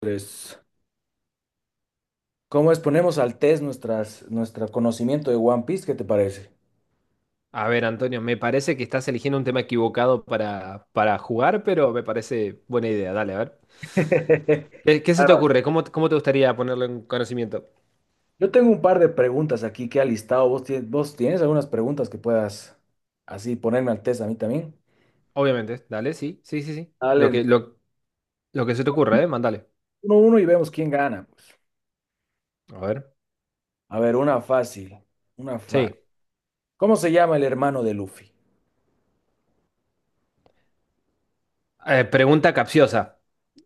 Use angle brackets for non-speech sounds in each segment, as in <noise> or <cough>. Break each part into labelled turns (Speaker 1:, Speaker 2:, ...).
Speaker 1: Tres. ¿Cómo exponemos al test nuestro conocimiento de One Piece? ¿Qué te parece?
Speaker 2: A ver, Antonio, me parece que estás eligiendo un tema equivocado para jugar, pero me parece buena idea. Dale, a ver.
Speaker 1: <laughs>
Speaker 2: ¿Qué se te
Speaker 1: Claro.
Speaker 2: ocurre? ¿Cómo te gustaría ponerlo en conocimiento?
Speaker 1: Yo tengo un par de preguntas aquí que he listado. ¿Vos tienes algunas preguntas que puedas así ponerme al test a mí también?
Speaker 2: Obviamente, dale, sí, sí, sí, sí. Lo
Speaker 1: Dale,
Speaker 2: que, lo, lo que se te ocurra, ¿eh? Mándale.
Speaker 1: uno a uno y vemos quién gana, pues.
Speaker 2: A ver.
Speaker 1: A ver, una fácil. Una fácil.
Speaker 2: Sí.
Speaker 1: ¿Cómo se llama el hermano de Luffy?
Speaker 2: Pregunta capciosa.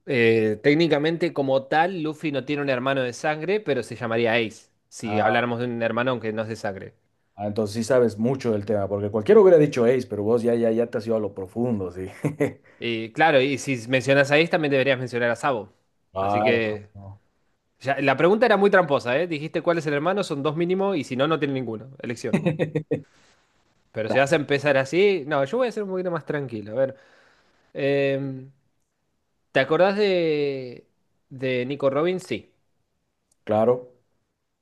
Speaker 2: Técnicamente, como tal, Luffy no tiene un hermano de sangre, pero se llamaría Ace, si
Speaker 1: Ah,
Speaker 2: habláramos de un hermano aunque no es de sangre.
Speaker 1: ah, entonces sí sabes mucho del tema, porque cualquiera hubiera dicho Ace, pero vos ya te has ido a lo profundo, sí. <laughs>
Speaker 2: Y claro, y si mencionas a Ace, también deberías mencionar a Sabo. Así
Speaker 1: Claro,
Speaker 2: que
Speaker 1: no.
Speaker 2: Ya, la pregunta era muy tramposa, ¿eh? Dijiste cuál es el hermano, son dos mínimo y si no, no tiene ninguno. Elección.
Speaker 1: <laughs>
Speaker 2: Pero si vas a empezar así, no, yo voy a ser un poquito más tranquilo. A ver, em, ¿te acordás de Nico Robbins? Sí.
Speaker 1: Claro.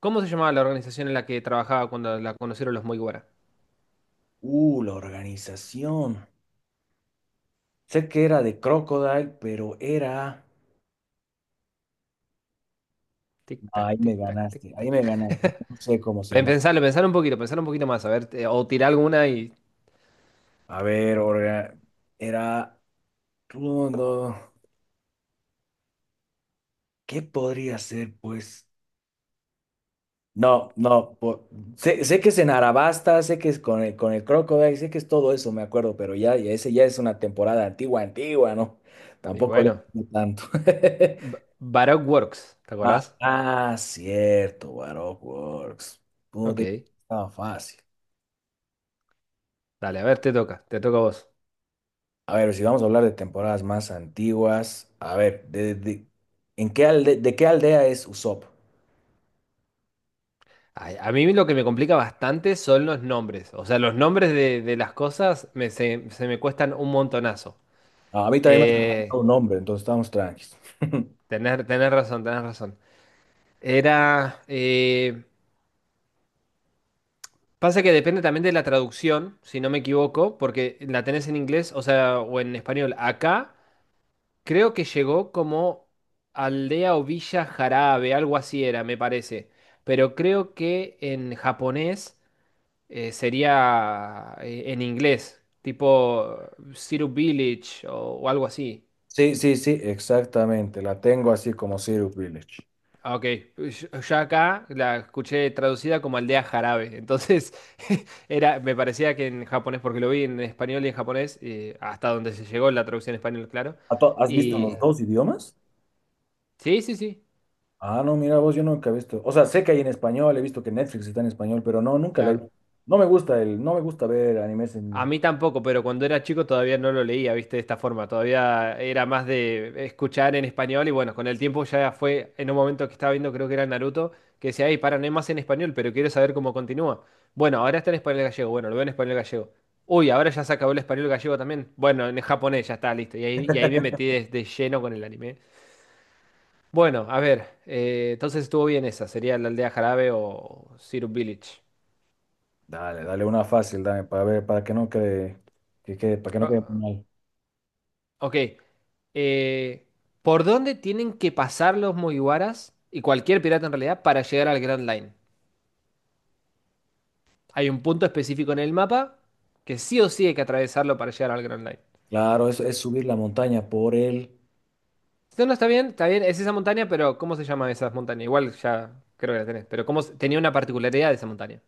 Speaker 2: ¿Cómo se llamaba la organización en la que trabajaba cuando la conocieron los Mugiwara?
Speaker 1: La organización. Sé que era de Crocodile, pero era...
Speaker 2: Tic tac,
Speaker 1: Ahí me
Speaker 2: tic tac, tic
Speaker 1: ganaste, ahí
Speaker 2: tac.
Speaker 1: me ganaste. No sé cómo se llama.
Speaker 2: Pensalo, pensalo un poquito más. A ver, o tirar alguna y,
Speaker 1: A ver, era... no no, ¿Qué podría ser, pues? No, no. Sé que es en Arabasta, sé que es con con el Crocodile, sé que es todo eso, me acuerdo, pero ya ese ya es una temporada antigua, ¿no?
Speaker 2: y
Speaker 1: Tampoco le
Speaker 2: bueno.
Speaker 1: sé tanto. <laughs>
Speaker 2: Baroque Works, ¿te
Speaker 1: Ah,
Speaker 2: acordás?
Speaker 1: ah, cierto, Baroque Works. Puta,
Speaker 2: Ok.
Speaker 1: estaba fácil.
Speaker 2: Dale, a ver, te toca a vos.
Speaker 1: A ver, si vamos a hablar de temporadas más antiguas, a ver, ¿en qué de qué aldea es Usopp?
Speaker 2: Ay, a mí lo que me complica bastante son los nombres. O sea, los nombres de las cosas se me cuestan un montonazo.
Speaker 1: Ah, a mí también me ha dado
Speaker 2: Eh,
Speaker 1: un nombre, entonces estamos tranquilos. <laughs>
Speaker 2: tener razón, tener razón. Era... eh, Pasa que depende también de la traducción, si no me equivoco, porque la tenés en inglés, o sea, o en español. Acá creo que llegó como aldea o villa jarabe, algo así era, me parece. Pero creo que en japonés, sería, en inglés, tipo Syrup Village o algo así.
Speaker 1: Sí, exactamente, la tengo así como Zero Village.
Speaker 2: Ah, ok, yo acá la escuché traducida como aldea jarabe, entonces <laughs> era, me parecía que en japonés, porque lo vi en español y en japonés, hasta donde se llegó la traducción en español, claro.
Speaker 1: ¿Has visto los
Speaker 2: Y
Speaker 1: dos idiomas?
Speaker 2: sí, sí, sí,
Speaker 1: Ah, no, mira vos, yo nunca he visto. O sea, sé que hay en español, he visto que Netflix está en español, pero no, nunca la he
Speaker 2: claro.
Speaker 1: visto. No me gusta no me gusta ver animes
Speaker 2: A
Speaker 1: en...
Speaker 2: mí tampoco, pero cuando era chico todavía no lo leía, viste, de esta forma. Todavía era más de escuchar en español y bueno, con el tiempo ya fue en un momento que estaba viendo, creo que era Naruto, que decía, ay, para, no hay más en español, pero quiero saber cómo continúa. Bueno, ahora está en español gallego, bueno, lo veo en español gallego. Uy, ahora ya se acabó el español gallego también. Bueno, en japonés ya está, listo. Y ahí me metí de lleno con el anime. Bueno, a ver, entonces estuvo bien esa, sería la aldea Jarabe o Zero Village.
Speaker 1: Dale, una fácil, dame, para ver, para que no quede
Speaker 2: Ah,
Speaker 1: mal.
Speaker 2: ok. eh, ¿Por dónde tienen que pasar los Mugiwaras y cualquier pirata en realidad para llegar al Grand Line? Hay un punto específico en el mapa que sí o sí hay que atravesarlo para llegar al Grand Line.
Speaker 1: Claro, es subir la montaña por el...
Speaker 2: Si no, no está bien, está bien, es esa montaña, pero ¿cómo se llama esa montaña? Igual ya creo que la tenés, pero ¿ tenía una particularidad de esa montaña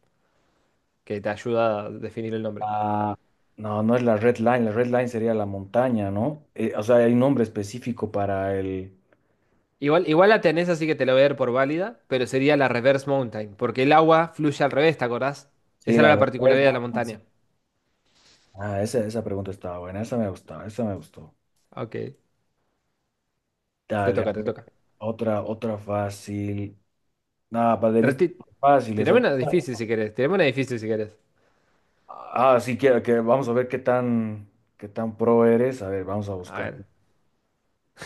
Speaker 2: que te ayuda a definir el nombre?
Speaker 1: ah, no, no es la Red Line sería la montaña, ¿no? O sea, hay un nombre específico para el...
Speaker 2: Igual la tenés, así que te la voy a dar por válida, pero sería la Reverse Mountain, porque el agua fluye al revés, ¿te acordás?
Speaker 1: Sí,
Speaker 2: Esa era
Speaker 1: la
Speaker 2: la
Speaker 1: Red
Speaker 2: particularidad
Speaker 1: Line.
Speaker 2: de la montaña.
Speaker 1: Ah, esa pregunta estaba buena, esa me gustaba, esa me gustó.
Speaker 2: Ok, te
Speaker 1: Dale, a
Speaker 2: toca, te
Speaker 1: ver,
Speaker 2: toca.
Speaker 1: otra fácil. Nada, para de mí están
Speaker 2: Trati-
Speaker 1: fáciles.
Speaker 2: Tirame
Speaker 1: Ah,
Speaker 2: una difícil si querés. Tirame una difícil si querés.
Speaker 1: ah, sí, que vamos a ver qué tan pro eres. A ver, vamos a
Speaker 2: A
Speaker 1: buscar.
Speaker 2: ver.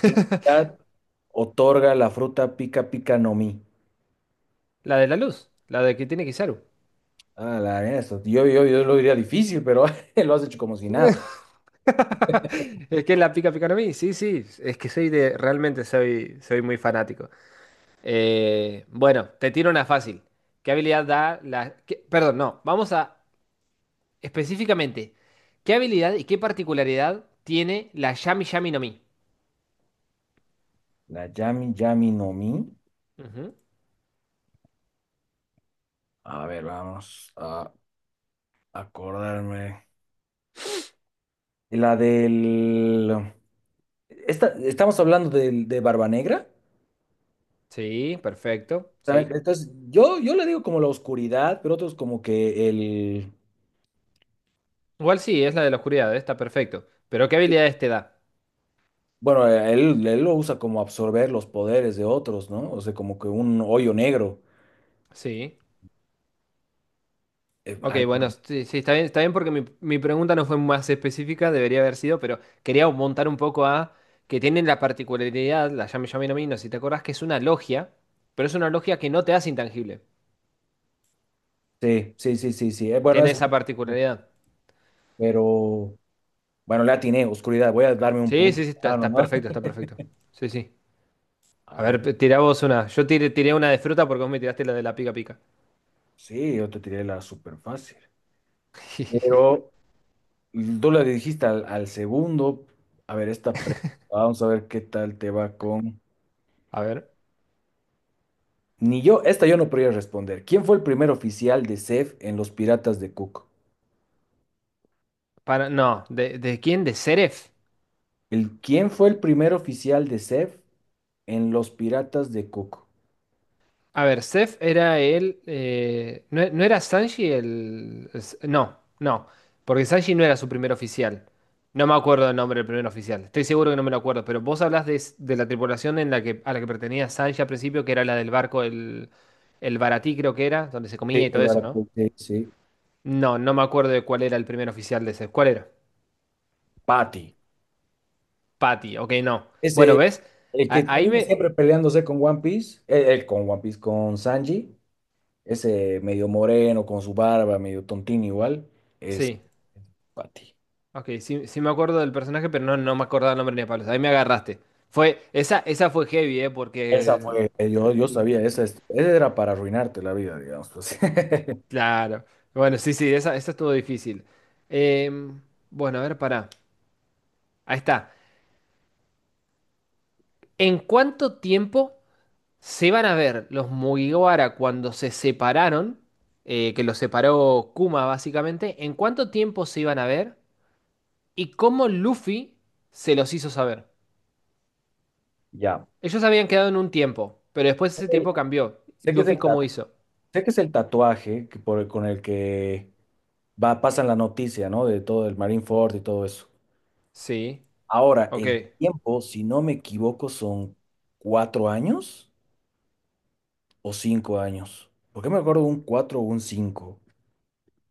Speaker 1: ¿Qué edad otorga la fruta pica pica no mi?
Speaker 2: La de la luz. La de que tiene Kizaru.
Speaker 1: Ah, la eso. Yo lo diría difícil, pero <laughs> lo has hecho como si nada.
Speaker 2: <laughs> Es que la pica pica a mí. Sí, sí. Es que soy de. Realmente soy muy fanático. Bueno, te tiro una fácil. ¿Qué habilidad da la? Perdón, no. Vamos a. Específicamente. ¿Qué habilidad y qué particularidad tiene la Yami Yami no Mi?
Speaker 1: La Yami Yami no Mi.
Speaker 2: Ujú.
Speaker 1: A ver, vamos a acordarme. La del. Esta, estamos hablando Barba Negra.
Speaker 2: Sí, perfecto.
Speaker 1: ¿Saben?
Speaker 2: Sí.
Speaker 1: Entonces, yo le digo como la oscuridad, pero otros como que el.
Speaker 2: Igual sí, es la de la oscuridad. Está perfecto. Pero ¿qué habilidades te da?
Speaker 1: Bueno, él lo usa como absorber los poderes de otros, ¿no? O sea, como que un hoyo negro.
Speaker 2: Sí.
Speaker 1: Eh,
Speaker 2: Ok,
Speaker 1: al-
Speaker 2: bueno, sí, sí, está bien, está bien, porque mi pregunta no fue más específica, debería haber sido, pero quería montar un poco a que tienen la particularidad, la llame llamen a mí, no sé si te acordás, que es una logia, pero es una logia que no te hace intangible.
Speaker 1: sí, sí, sí, sí, sí. Bueno,
Speaker 2: Tiene
Speaker 1: eso.
Speaker 2: esa particularidad.
Speaker 1: Pero. Bueno, la atiné, oscuridad. Voy a darme un
Speaker 2: Sí,
Speaker 1: punto.
Speaker 2: sí, sí, está,
Speaker 1: Ah,
Speaker 2: está
Speaker 1: nomás.
Speaker 2: perfecto, está perfecto. Sí, sí. A
Speaker 1: A
Speaker 2: ver,
Speaker 1: ver,
Speaker 2: tirá vos una. Yo tiré una de fruta porque vos me tiraste la de la pica pica.
Speaker 1: sí, yo te tiré la súper fácil.
Speaker 2: <laughs>
Speaker 1: Pero tú la dijiste al segundo. A ver, esta pregunta. Vamos a ver qué tal te va con.
Speaker 2: A ver,
Speaker 1: Ni yo, esta yo no podría responder. ¿Quién fue el primer oficial de CEF en Los Piratas de Cook?
Speaker 2: para, no, ¿de quién? ¿De Seref?
Speaker 1: El, ¿quién fue el primer oficial de CEF en Los Piratas de Cook?
Speaker 2: A ver, Seth era el. No, no era Sanji el. No, no. Porque Sanji no era su primer oficial. No me acuerdo el nombre del primer oficial. Estoy seguro que no me lo acuerdo. Pero vos hablás de la tripulación en la que, a la que pertenecía Sanji al principio, que era la del barco, el Baratí, creo que era, donde se comía
Speaker 1: Sí,
Speaker 2: y
Speaker 1: el
Speaker 2: todo eso, ¿no?
Speaker 1: Baracuy, sí, sí.
Speaker 2: No, no me acuerdo de cuál era el primer oficial de Seth. ¿Cuál era?
Speaker 1: Patty.
Speaker 2: Patty, ok, no. Bueno,
Speaker 1: Ese,
Speaker 2: ¿ves?
Speaker 1: el que
Speaker 2: Ahí
Speaker 1: tenía
Speaker 2: me.
Speaker 1: siempre peleándose con One Piece, con One Piece, con Sanji. Ese medio moreno, con su barba, medio tontín igual, ese
Speaker 2: Sí.
Speaker 1: Pati.
Speaker 2: Ok, sí, sí me acuerdo del personaje, pero no, no me acordaba el nombre ni a palos. Ahí me agarraste. Esa fue heavy, ¿eh?
Speaker 1: Esa
Speaker 2: Porque...
Speaker 1: fue, yo
Speaker 2: mm,
Speaker 1: sabía, esa era para arruinarte la vida, digamos, pues. <laughs>
Speaker 2: Claro. Bueno, sí, sí, esa estuvo difícil. Em, bueno, a ver, pará. Ahí está. ¿En cuánto tiempo se van a ver los Mugiwara cuando se separaron? Que los separó Kuma, básicamente. ¿En cuánto tiempo se iban a ver? ¿Y cómo Luffy se los hizo saber?
Speaker 1: Ya.
Speaker 2: Ellos habían quedado en un tiempo, pero después ese
Speaker 1: El-
Speaker 2: tiempo cambió.
Speaker 1: sé que es
Speaker 2: Luffy,
Speaker 1: el,
Speaker 2: ¿cómo
Speaker 1: ta-
Speaker 2: hizo?
Speaker 1: Sé que es el tatuaje que con el que va, pasan la noticia, ¿no? De todo el Marine Ford y todo eso.
Speaker 2: Sí,
Speaker 1: Ahora,
Speaker 2: ok.
Speaker 1: el tiempo, si no me equivoco, son 4 años o 5 años. ¿Por qué me acuerdo un cuatro o un cinco?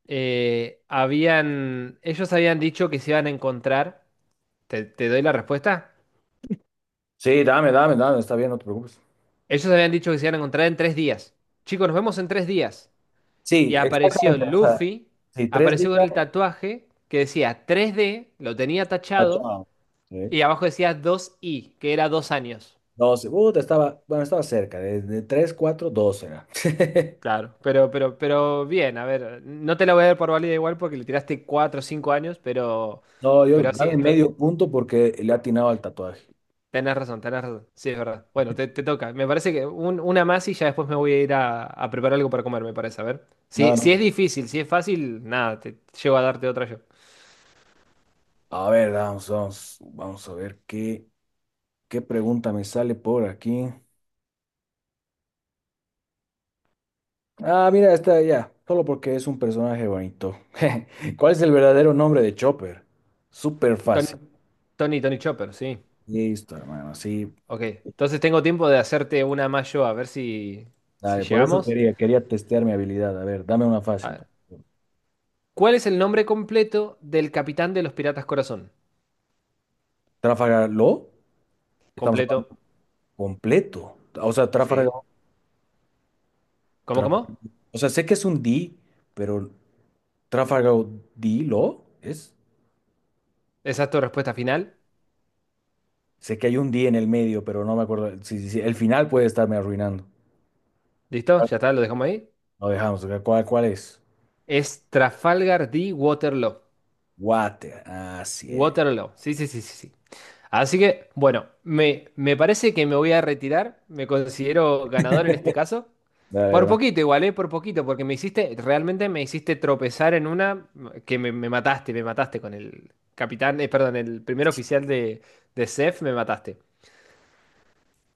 Speaker 2: Ellos habían dicho que se iban a encontrar. ¿Te doy la respuesta?
Speaker 1: Sí, dame, está bien, no te preocupes.
Speaker 2: Ellos habían dicho que se iban a encontrar en 3 días. Chicos, nos vemos en 3 días. Y
Speaker 1: Sí,
Speaker 2: apareció
Speaker 1: exactamente. O sea,
Speaker 2: Luffy,
Speaker 1: sí, 3 días,
Speaker 2: apareció con el tatuaje que decía tres d, lo tenía tachado,
Speaker 1: tachado. Sí.
Speaker 2: y abajo decía dos i, que era 2 años.
Speaker 1: 12. Te estaba, bueno, estaba cerca, de 3, 4, 12 era. <laughs>
Speaker 2: Claro, pero bien, a ver, no te la voy a dar por válida igual porque le tiraste 4 o 5 años, pero,
Speaker 1: No, yo
Speaker 2: pero sí,
Speaker 1: dame
Speaker 2: esto,
Speaker 1: medio punto porque le atinaba al tatuaje.
Speaker 2: tenés razón, sí, es verdad. Bueno, te toca, me parece que una más y ya después me voy a ir a preparar algo para comer, me parece, a ver.
Speaker 1: No,
Speaker 2: Si
Speaker 1: no.
Speaker 2: es difícil, si es fácil, nada, te llego a darte otra yo.
Speaker 1: A ver, vamos, vamos a ver qué pregunta me sale por aquí. Ah, mira, está ya, solo porque es un personaje bonito. <laughs> ¿Cuál es el verdadero nombre de Chopper? Súper fácil.
Speaker 2: Ton- Tony, Tony Chopper, sí,
Speaker 1: Listo, hermano, sí.
Speaker 2: ok. Entonces tengo tiempo de hacerte una más yo, a ver si
Speaker 1: Dale, por eso
Speaker 2: llegamos.
Speaker 1: quería testear mi habilidad. A ver, dame una
Speaker 2: A
Speaker 1: fácil.
Speaker 2: ver. ¿Cuál es el nombre completo del capitán de los Piratas Corazón?
Speaker 1: Trafalgar Law, estamos
Speaker 2: Completo,
Speaker 1: hablando completo. O sea,
Speaker 2: sí. ¿Cómo,
Speaker 1: Traf-
Speaker 2: cómo?
Speaker 1: o sea, sé que es un D, pero Trafalgar D Law es.
Speaker 2: Esa es tu respuesta final.
Speaker 1: Sé que hay un D en el medio, pero no me acuerdo. Sí, sí, sí, el final puede estarme arruinando.
Speaker 2: ¿Listo?
Speaker 1: ¿Cuál?
Speaker 2: Ya está, lo dejamos ahí.
Speaker 1: Lo dejamos. Cuál es?
Speaker 2: Es Trafalgar de Waterloo.
Speaker 1: Water. Así es.
Speaker 2: Waterloo. Sí, sí, sí, sí, sí. Así que, bueno, me parece que me voy a retirar. Me considero ganador en este caso.
Speaker 1: Dale,
Speaker 2: Por
Speaker 1: hermano.
Speaker 2: poquito igual, ¿eh? Por poquito, porque realmente me hiciste tropezar en una que me mataste con el capitán, perdón, el primer oficial de CEF, me mataste.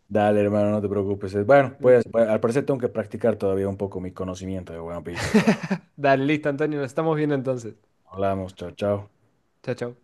Speaker 1: Dale, hermano, no te preocupes. Bueno,
Speaker 2: Mm,
Speaker 1: pues, al parecer tengo que practicar todavía un poco mi conocimiento de One Piece.
Speaker 2: Dale, listo, Antonio, nos estamos viendo entonces.
Speaker 1: Hablamos, chao, chao.
Speaker 2: Chao, chao.